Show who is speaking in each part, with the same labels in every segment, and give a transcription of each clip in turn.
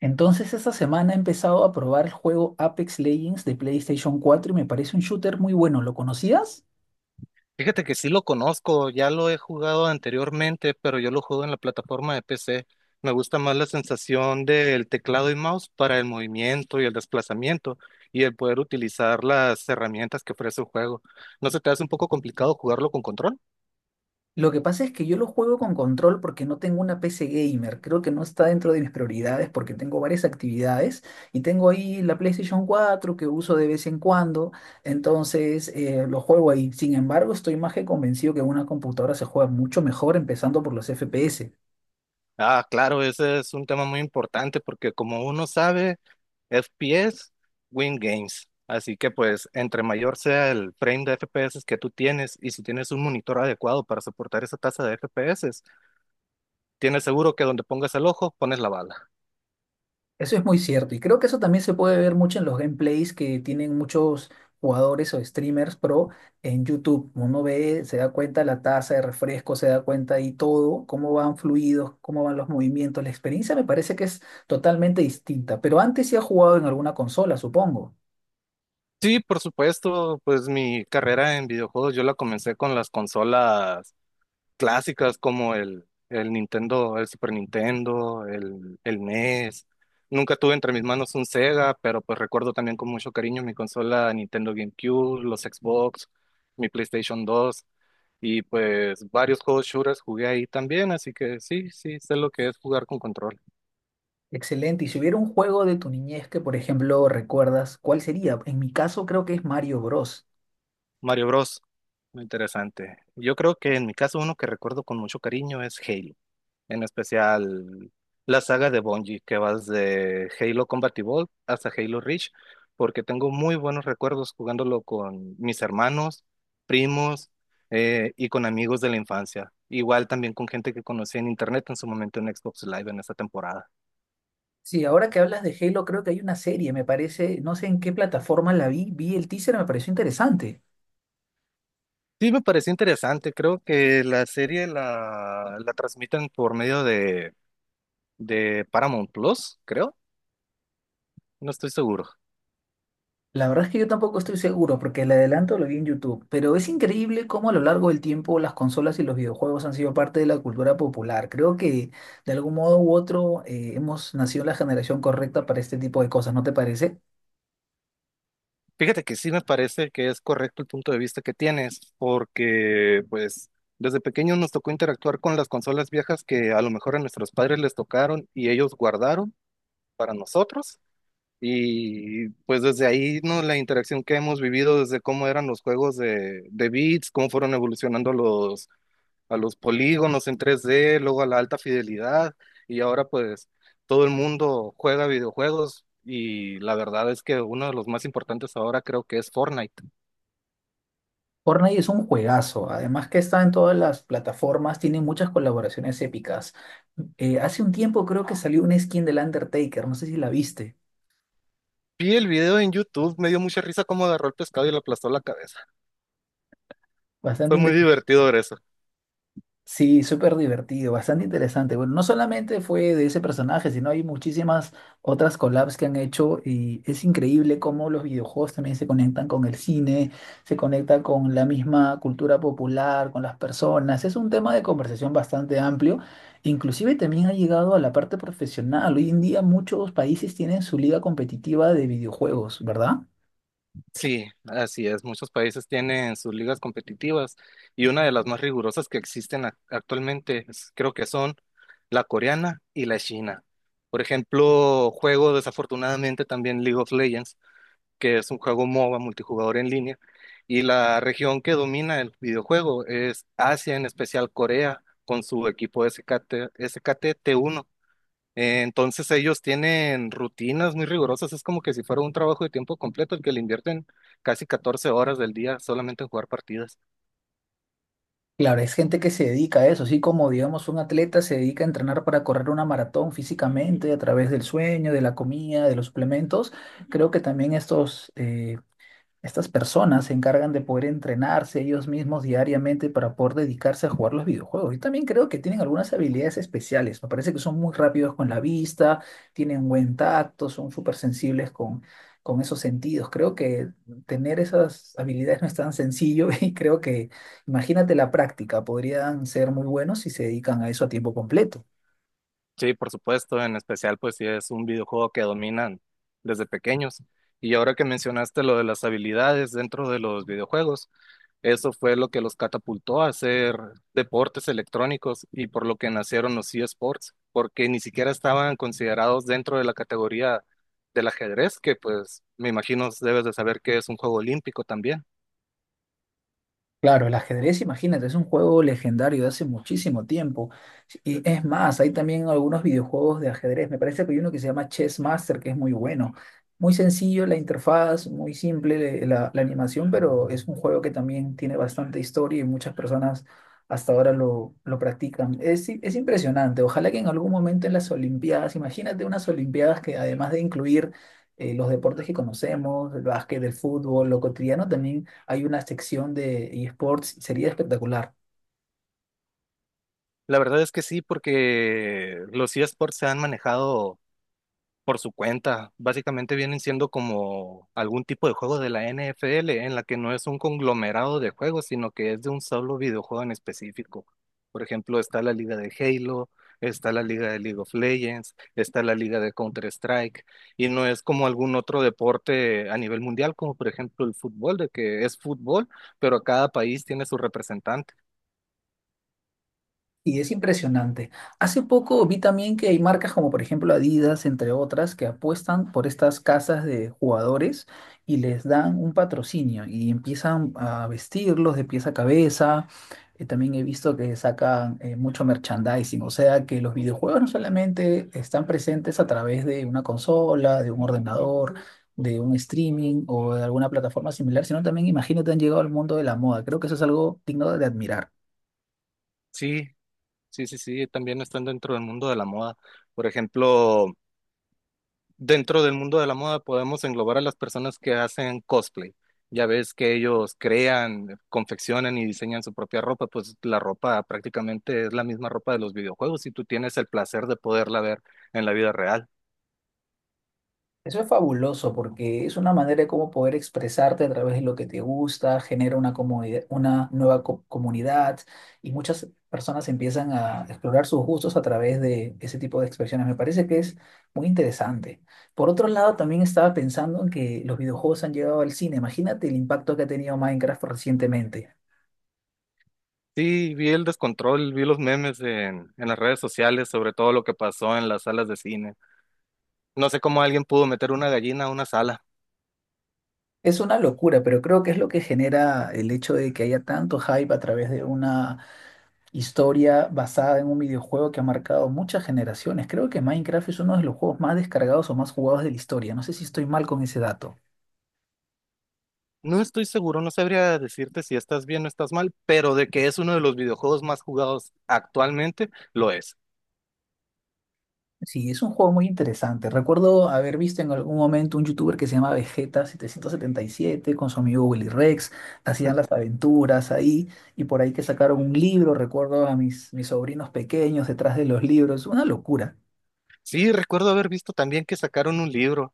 Speaker 1: Entonces esta semana he empezado a probar el juego Apex Legends de PlayStation 4 y me parece un shooter muy bueno. ¿Lo conocías?
Speaker 2: Fíjate que sí lo conozco, ya lo he jugado anteriormente, pero yo lo juego en la plataforma de PC. Me gusta más la sensación del teclado y mouse para el movimiento y el desplazamiento y el poder utilizar las herramientas que ofrece el juego. ¿No se te hace un poco complicado jugarlo con control?
Speaker 1: Lo que pasa es que yo lo juego con control porque no tengo una PC gamer. Creo que no está dentro de mis prioridades porque tengo varias actividades y tengo ahí la PlayStation 4 que uso de vez en cuando. Entonces lo juego ahí. Sin embargo, estoy más que convencido que en una computadora se juega mucho mejor empezando por los FPS.
Speaker 2: Ah, claro, ese es un tema muy importante porque como uno sabe, FPS win games. Así que pues entre mayor sea el frame de FPS que tú tienes y si tienes un monitor adecuado para soportar esa tasa de FPS, tienes seguro que donde pongas el ojo, pones la bala.
Speaker 1: Eso es muy cierto y creo que eso también se puede ver mucho en los gameplays que tienen muchos jugadores o streamers pro en YouTube. Uno ve, se da cuenta la tasa de refresco, se da cuenta ahí todo, cómo van fluidos, cómo van los movimientos. La experiencia me parece que es totalmente distinta, pero antes sí ha jugado en alguna consola, supongo.
Speaker 2: Sí, por supuesto, pues mi carrera en videojuegos yo la comencé con las consolas clásicas como el Nintendo, el Super Nintendo, el NES. Nunca tuve entre mis manos un Sega, pero pues recuerdo también con mucho cariño mi consola Nintendo GameCube, los Xbox, mi PlayStation 2 y pues varios juegos shooters jugué ahí también, así que sí, sí, sé lo que es jugar con control.
Speaker 1: Excelente. Y si hubiera un juego de tu niñez que, por ejemplo, recuerdas, ¿cuál sería? En mi caso creo que es Mario Bros.
Speaker 2: Mario Bros. Muy interesante. Yo creo que en mi caso uno que recuerdo con mucho cariño es Halo, en especial la saga de Bungie, que va de Halo Combat Evolved hasta Halo Reach, porque tengo muy buenos recuerdos jugándolo con mis hermanos, primos, y con amigos de la infancia. Igual también con gente que conocí en internet en su momento en Xbox Live en esa temporada.
Speaker 1: Sí, ahora que hablas de Halo, creo que hay una serie, me parece, no sé en qué plataforma la vi, vi el teaser, me pareció interesante.
Speaker 2: Sí, me pareció interesante. Creo que la serie la transmiten por medio de Paramount Plus, creo. No estoy seguro.
Speaker 1: La verdad es que yo tampoco estoy seguro, porque el adelanto lo vi en YouTube, pero es increíble cómo a lo largo del tiempo las consolas y los videojuegos han sido parte de la cultura popular. Creo que de algún modo u otro hemos nacido en la generación correcta para este tipo de cosas, ¿no te parece?
Speaker 2: Fíjate que sí me parece que es correcto el punto de vista que tienes, porque pues desde pequeños nos tocó interactuar con las consolas viejas que a lo mejor a nuestros padres les tocaron y ellos guardaron para nosotros. Y pues desde ahí, ¿no? La interacción que hemos vivido desde cómo eran los juegos de bits, cómo fueron evolucionando los, a los polígonos en 3D, luego a la alta fidelidad y ahora pues todo el mundo juega videojuegos y la verdad es que uno de los más importantes ahora creo que es Fortnite.
Speaker 1: Fortnite es un juegazo, además que está en todas las plataformas, tiene muchas colaboraciones épicas. Hace un tiempo creo que salió una skin del Undertaker, no sé si la viste.
Speaker 2: Vi el video en YouTube, me dio mucha risa cómo agarró el pescado y le aplastó la cabeza.
Speaker 1: Bastante
Speaker 2: Fue muy
Speaker 1: interesante.
Speaker 2: divertido ver eso.
Speaker 1: Sí, súper divertido, bastante interesante. Bueno, no solamente fue de ese personaje, sino hay muchísimas otras collabs que han hecho y es increíble cómo los videojuegos también se conectan con el cine, se conecta con la misma cultura popular, con las personas. Es un tema de conversación bastante amplio. Inclusive también ha llegado a la parte profesional. Hoy en día muchos países tienen su liga competitiva de videojuegos, ¿verdad?
Speaker 2: Sí, así es. Muchos países tienen sus ligas competitivas y una de las más rigurosas que existen actualmente es, creo que son la coreana y la china. Por ejemplo, juego desafortunadamente también League of Legends, que es un juego MOBA multijugador en línea, y la región que domina el videojuego es Asia, en especial Corea, con su equipo SKT, SKT T1. Entonces ellos tienen rutinas muy rigurosas, es como que si fuera un trabajo de tiempo completo el que le invierten casi 14 horas del día solamente en jugar partidas.
Speaker 1: Claro, es gente que se dedica a eso, así como digamos un atleta se dedica a entrenar para correr una maratón físicamente a través del sueño, de la comida, de los suplementos, creo que también estos estas personas se encargan de poder entrenarse ellos mismos diariamente para poder dedicarse a jugar los videojuegos. Y también creo que tienen algunas habilidades especiales. Me parece que son muy rápidos con la vista, tienen buen tacto, son súper sensibles con esos sentidos. Creo que tener esas habilidades no es tan sencillo y creo que, imagínate la práctica, podrían ser muy buenos si se dedican a eso a tiempo completo.
Speaker 2: Sí, por supuesto, en especial pues si es un videojuego que dominan desde pequeños. Y ahora que mencionaste lo de las habilidades dentro de los videojuegos, eso fue lo que los catapultó a hacer deportes electrónicos y por lo que nacieron los eSports, porque ni siquiera estaban considerados dentro de la categoría del ajedrez, que pues me imagino debes de saber que es un juego olímpico también.
Speaker 1: Claro, el ajedrez, imagínate, es un juego legendario de hace muchísimo tiempo. Y es más, hay también algunos videojuegos de ajedrez. Me parece que hay uno que se llama Chess Master, que es muy bueno. Muy sencillo la interfaz, muy simple la animación, pero es un juego que también tiene bastante historia y muchas personas hasta ahora lo practican. Es impresionante. Ojalá que en algún momento en las Olimpiadas, imagínate unas Olimpiadas que además de incluir los deportes que conocemos, el básquet, el fútbol, lo cotidiano, también hay una sección de eSports, sería espectacular.
Speaker 2: La verdad es que sí, porque los eSports se han manejado por su cuenta. Básicamente vienen siendo como algún tipo de juego de la NFL en la que no es un conglomerado de juegos, sino que es de un solo videojuego en específico. Por ejemplo, está la liga de Halo, está la liga de League of Legends, está la liga de Counter-Strike, y no es como algún otro deporte a nivel mundial, como por ejemplo el fútbol, de que es fútbol, pero cada país tiene su representante.
Speaker 1: Y es impresionante. Hace poco vi también que hay marcas como por ejemplo Adidas, entre otras, que apuestan por estas casas de jugadores y les dan un patrocinio y empiezan a vestirlos de pies a cabeza. También he visto que sacan mucho merchandising, o sea que los videojuegos no solamente están presentes a través de una consola, de un ordenador, de un streaming o de alguna plataforma similar, sino también imagino que han llegado al mundo de la moda. Creo que eso es algo digno de admirar.
Speaker 2: Sí, sí, sí, sí, también están dentro del mundo de la moda. Por ejemplo, dentro del mundo de la moda podemos englobar a las personas que hacen cosplay. Ya ves que ellos crean, confeccionan y diseñan su propia ropa, pues la ropa prácticamente es la misma ropa de los videojuegos y tú tienes el placer de poderla ver en la vida real.
Speaker 1: Eso es fabuloso porque es una manera de cómo poder expresarte a través de lo que te gusta, genera una comunidad y muchas personas empiezan a explorar sus gustos a través de ese tipo de expresiones. Me parece que es muy interesante. Por otro lado, también estaba pensando en que los videojuegos han llegado al cine. Imagínate el impacto que ha tenido Minecraft recientemente.
Speaker 2: Sí, vi el descontrol, vi los memes en las redes sociales sobre todo lo que pasó en las salas de cine. No sé cómo alguien pudo meter una gallina a una sala.
Speaker 1: Es una locura, pero creo que es lo que genera el hecho de que haya tanto hype a través de una historia basada en un videojuego que ha marcado muchas generaciones. Creo que Minecraft es uno de los juegos más descargados o más jugados de la historia. No sé si estoy mal con ese dato.
Speaker 2: No estoy seguro, no sabría decirte si estás bien o estás mal, pero de que es uno de los videojuegos más jugados actualmente, lo es.
Speaker 1: Sí, es un juego muy interesante. Recuerdo haber visto en algún momento un youtuber que se llama Vegeta777 con su amigo Willy Rex. Hacían las aventuras ahí y por ahí que sacaron un libro. Recuerdo a mis sobrinos pequeños detrás de los libros. Una locura.
Speaker 2: Sí, recuerdo haber visto también que sacaron un libro.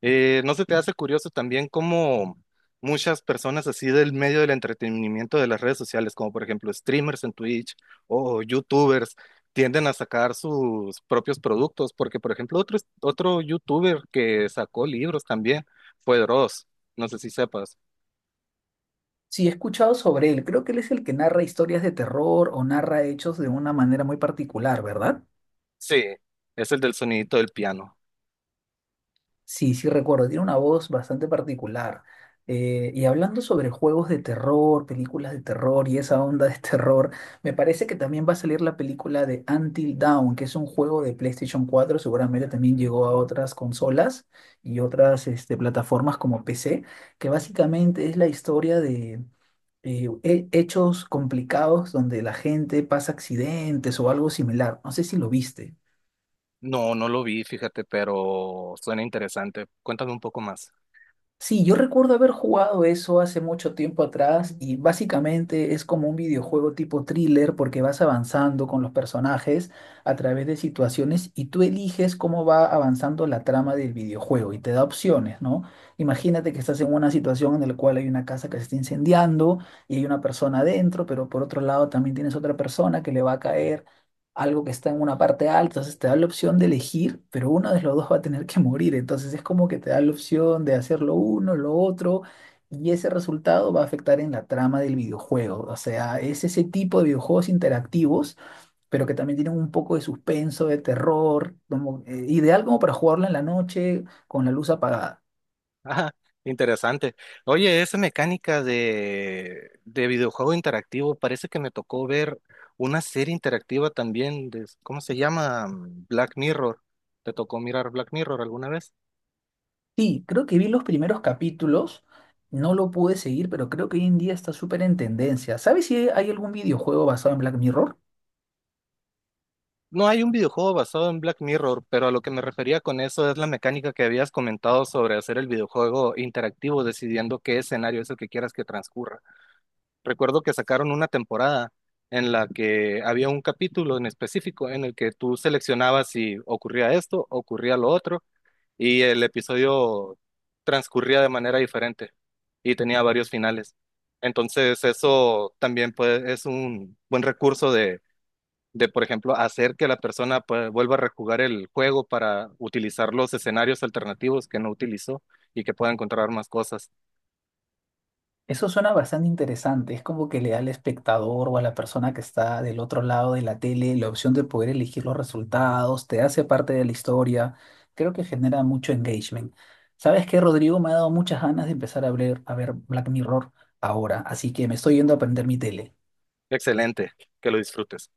Speaker 2: ¿No se te hace curioso también cómo muchas personas así del medio del entretenimiento de las redes sociales, como por ejemplo streamers en Twitch o youtubers, tienden a sacar sus propios productos? Porque por ejemplo otro youtuber que sacó libros también fue Dross, no sé si sepas.
Speaker 1: Sí, he escuchado sobre él. Creo que él es el que narra historias de terror o narra hechos de una manera muy particular, ¿verdad?
Speaker 2: Sí, es el del sonidito del piano.
Speaker 1: Sí, sí recuerdo, tiene una voz bastante particular. Y hablando sobre juegos de terror, películas de terror y esa onda de terror, me parece que también va a salir la película de Until Dawn, que es un juego de PlayStation cuatro. Seguramente también llegó a otras consolas y otras plataformas como PC, que básicamente es la historia de hechos complicados donde la gente pasa accidentes o algo similar. No sé si lo viste.
Speaker 2: No, no lo vi, fíjate, pero suena interesante. Cuéntame un poco más.
Speaker 1: Sí, yo recuerdo haber jugado eso hace mucho tiempo atrás y básicamente es como un videojuego tipo thriller porque vas avanzando con los personajes a través de situaciones y tú eliges cómo va avanzando la trama del videojuego y te da opciones, ¿no? Imagínate que estás en una situación en la cual hay una casa que se está incendiando y hay una persona adentro, pero por otro lado también tienes otra persona que le va a caer algo que está en una parte alta, entonces te da la opción de elegir, pero uno de los dos va a tener que morir, entonces es como que te da la opción de hacer lo uno, lo otro, y ese resultado va a afectar en la trama del videojuego, o sea, es ese tipo de videojuegos interactivos, pero que también tienen un poco de suspenso, de terror, como, ideal como para jugarlo en la noche con la luz apagada.
Speaker 2: Ah, interesante. Oye, esa mecánica de videojuego interactivo, parece que me tocó ver una serie interactiva también de, ¿cómo se llama? Mm, Black Mirror. ¿Te tocó mirar Black Mirror alguna vez?
Speaker 1: Sí, creo que vi los primeros capítulos. No lo pude seguir, pero creo que hoy en día está súper en tendencia. ¿Sabes si hay algún videojuego basado en Black Mirror?
Speaker 2: No hay un videojuego basado en Black Mirror, pero a lo que me refería con eso es la mecánica que habías comentado sobre hacer el videojuego interactivo, decidiendo qué escenario es el que quieras que transcurra. Recuerdo que sacaron una temporada en la que había un capítulo en específico en el que tú seleccionabas si ocurría esto, ocurría lo otro, y el episodio transcurría de manera diferente y tenía varios finales. Entonces, eso también puede, es un buen recurso de, por ejemplo, hacer que la persona pues, vuelva a rejugar el juego para utilizar los escenarios alternativos que no utilizó y que pueda encontrar más cosas.
Speaker 1: Eso suena bastante interesante. Es como que le da al espectador o a la persona que está del otro lado de la tele la opción de poder elegir los resultados, te hace parte de la historia. Creo que genera mucho engagement. ¿Sabes qué, Rodrigo? Me ha dado muchas ganas de empezar a ver, Black Mirror ahora, así que me estoy yendo a prender mi tele.
Speaker 2: Excelente, que lo disfrutes.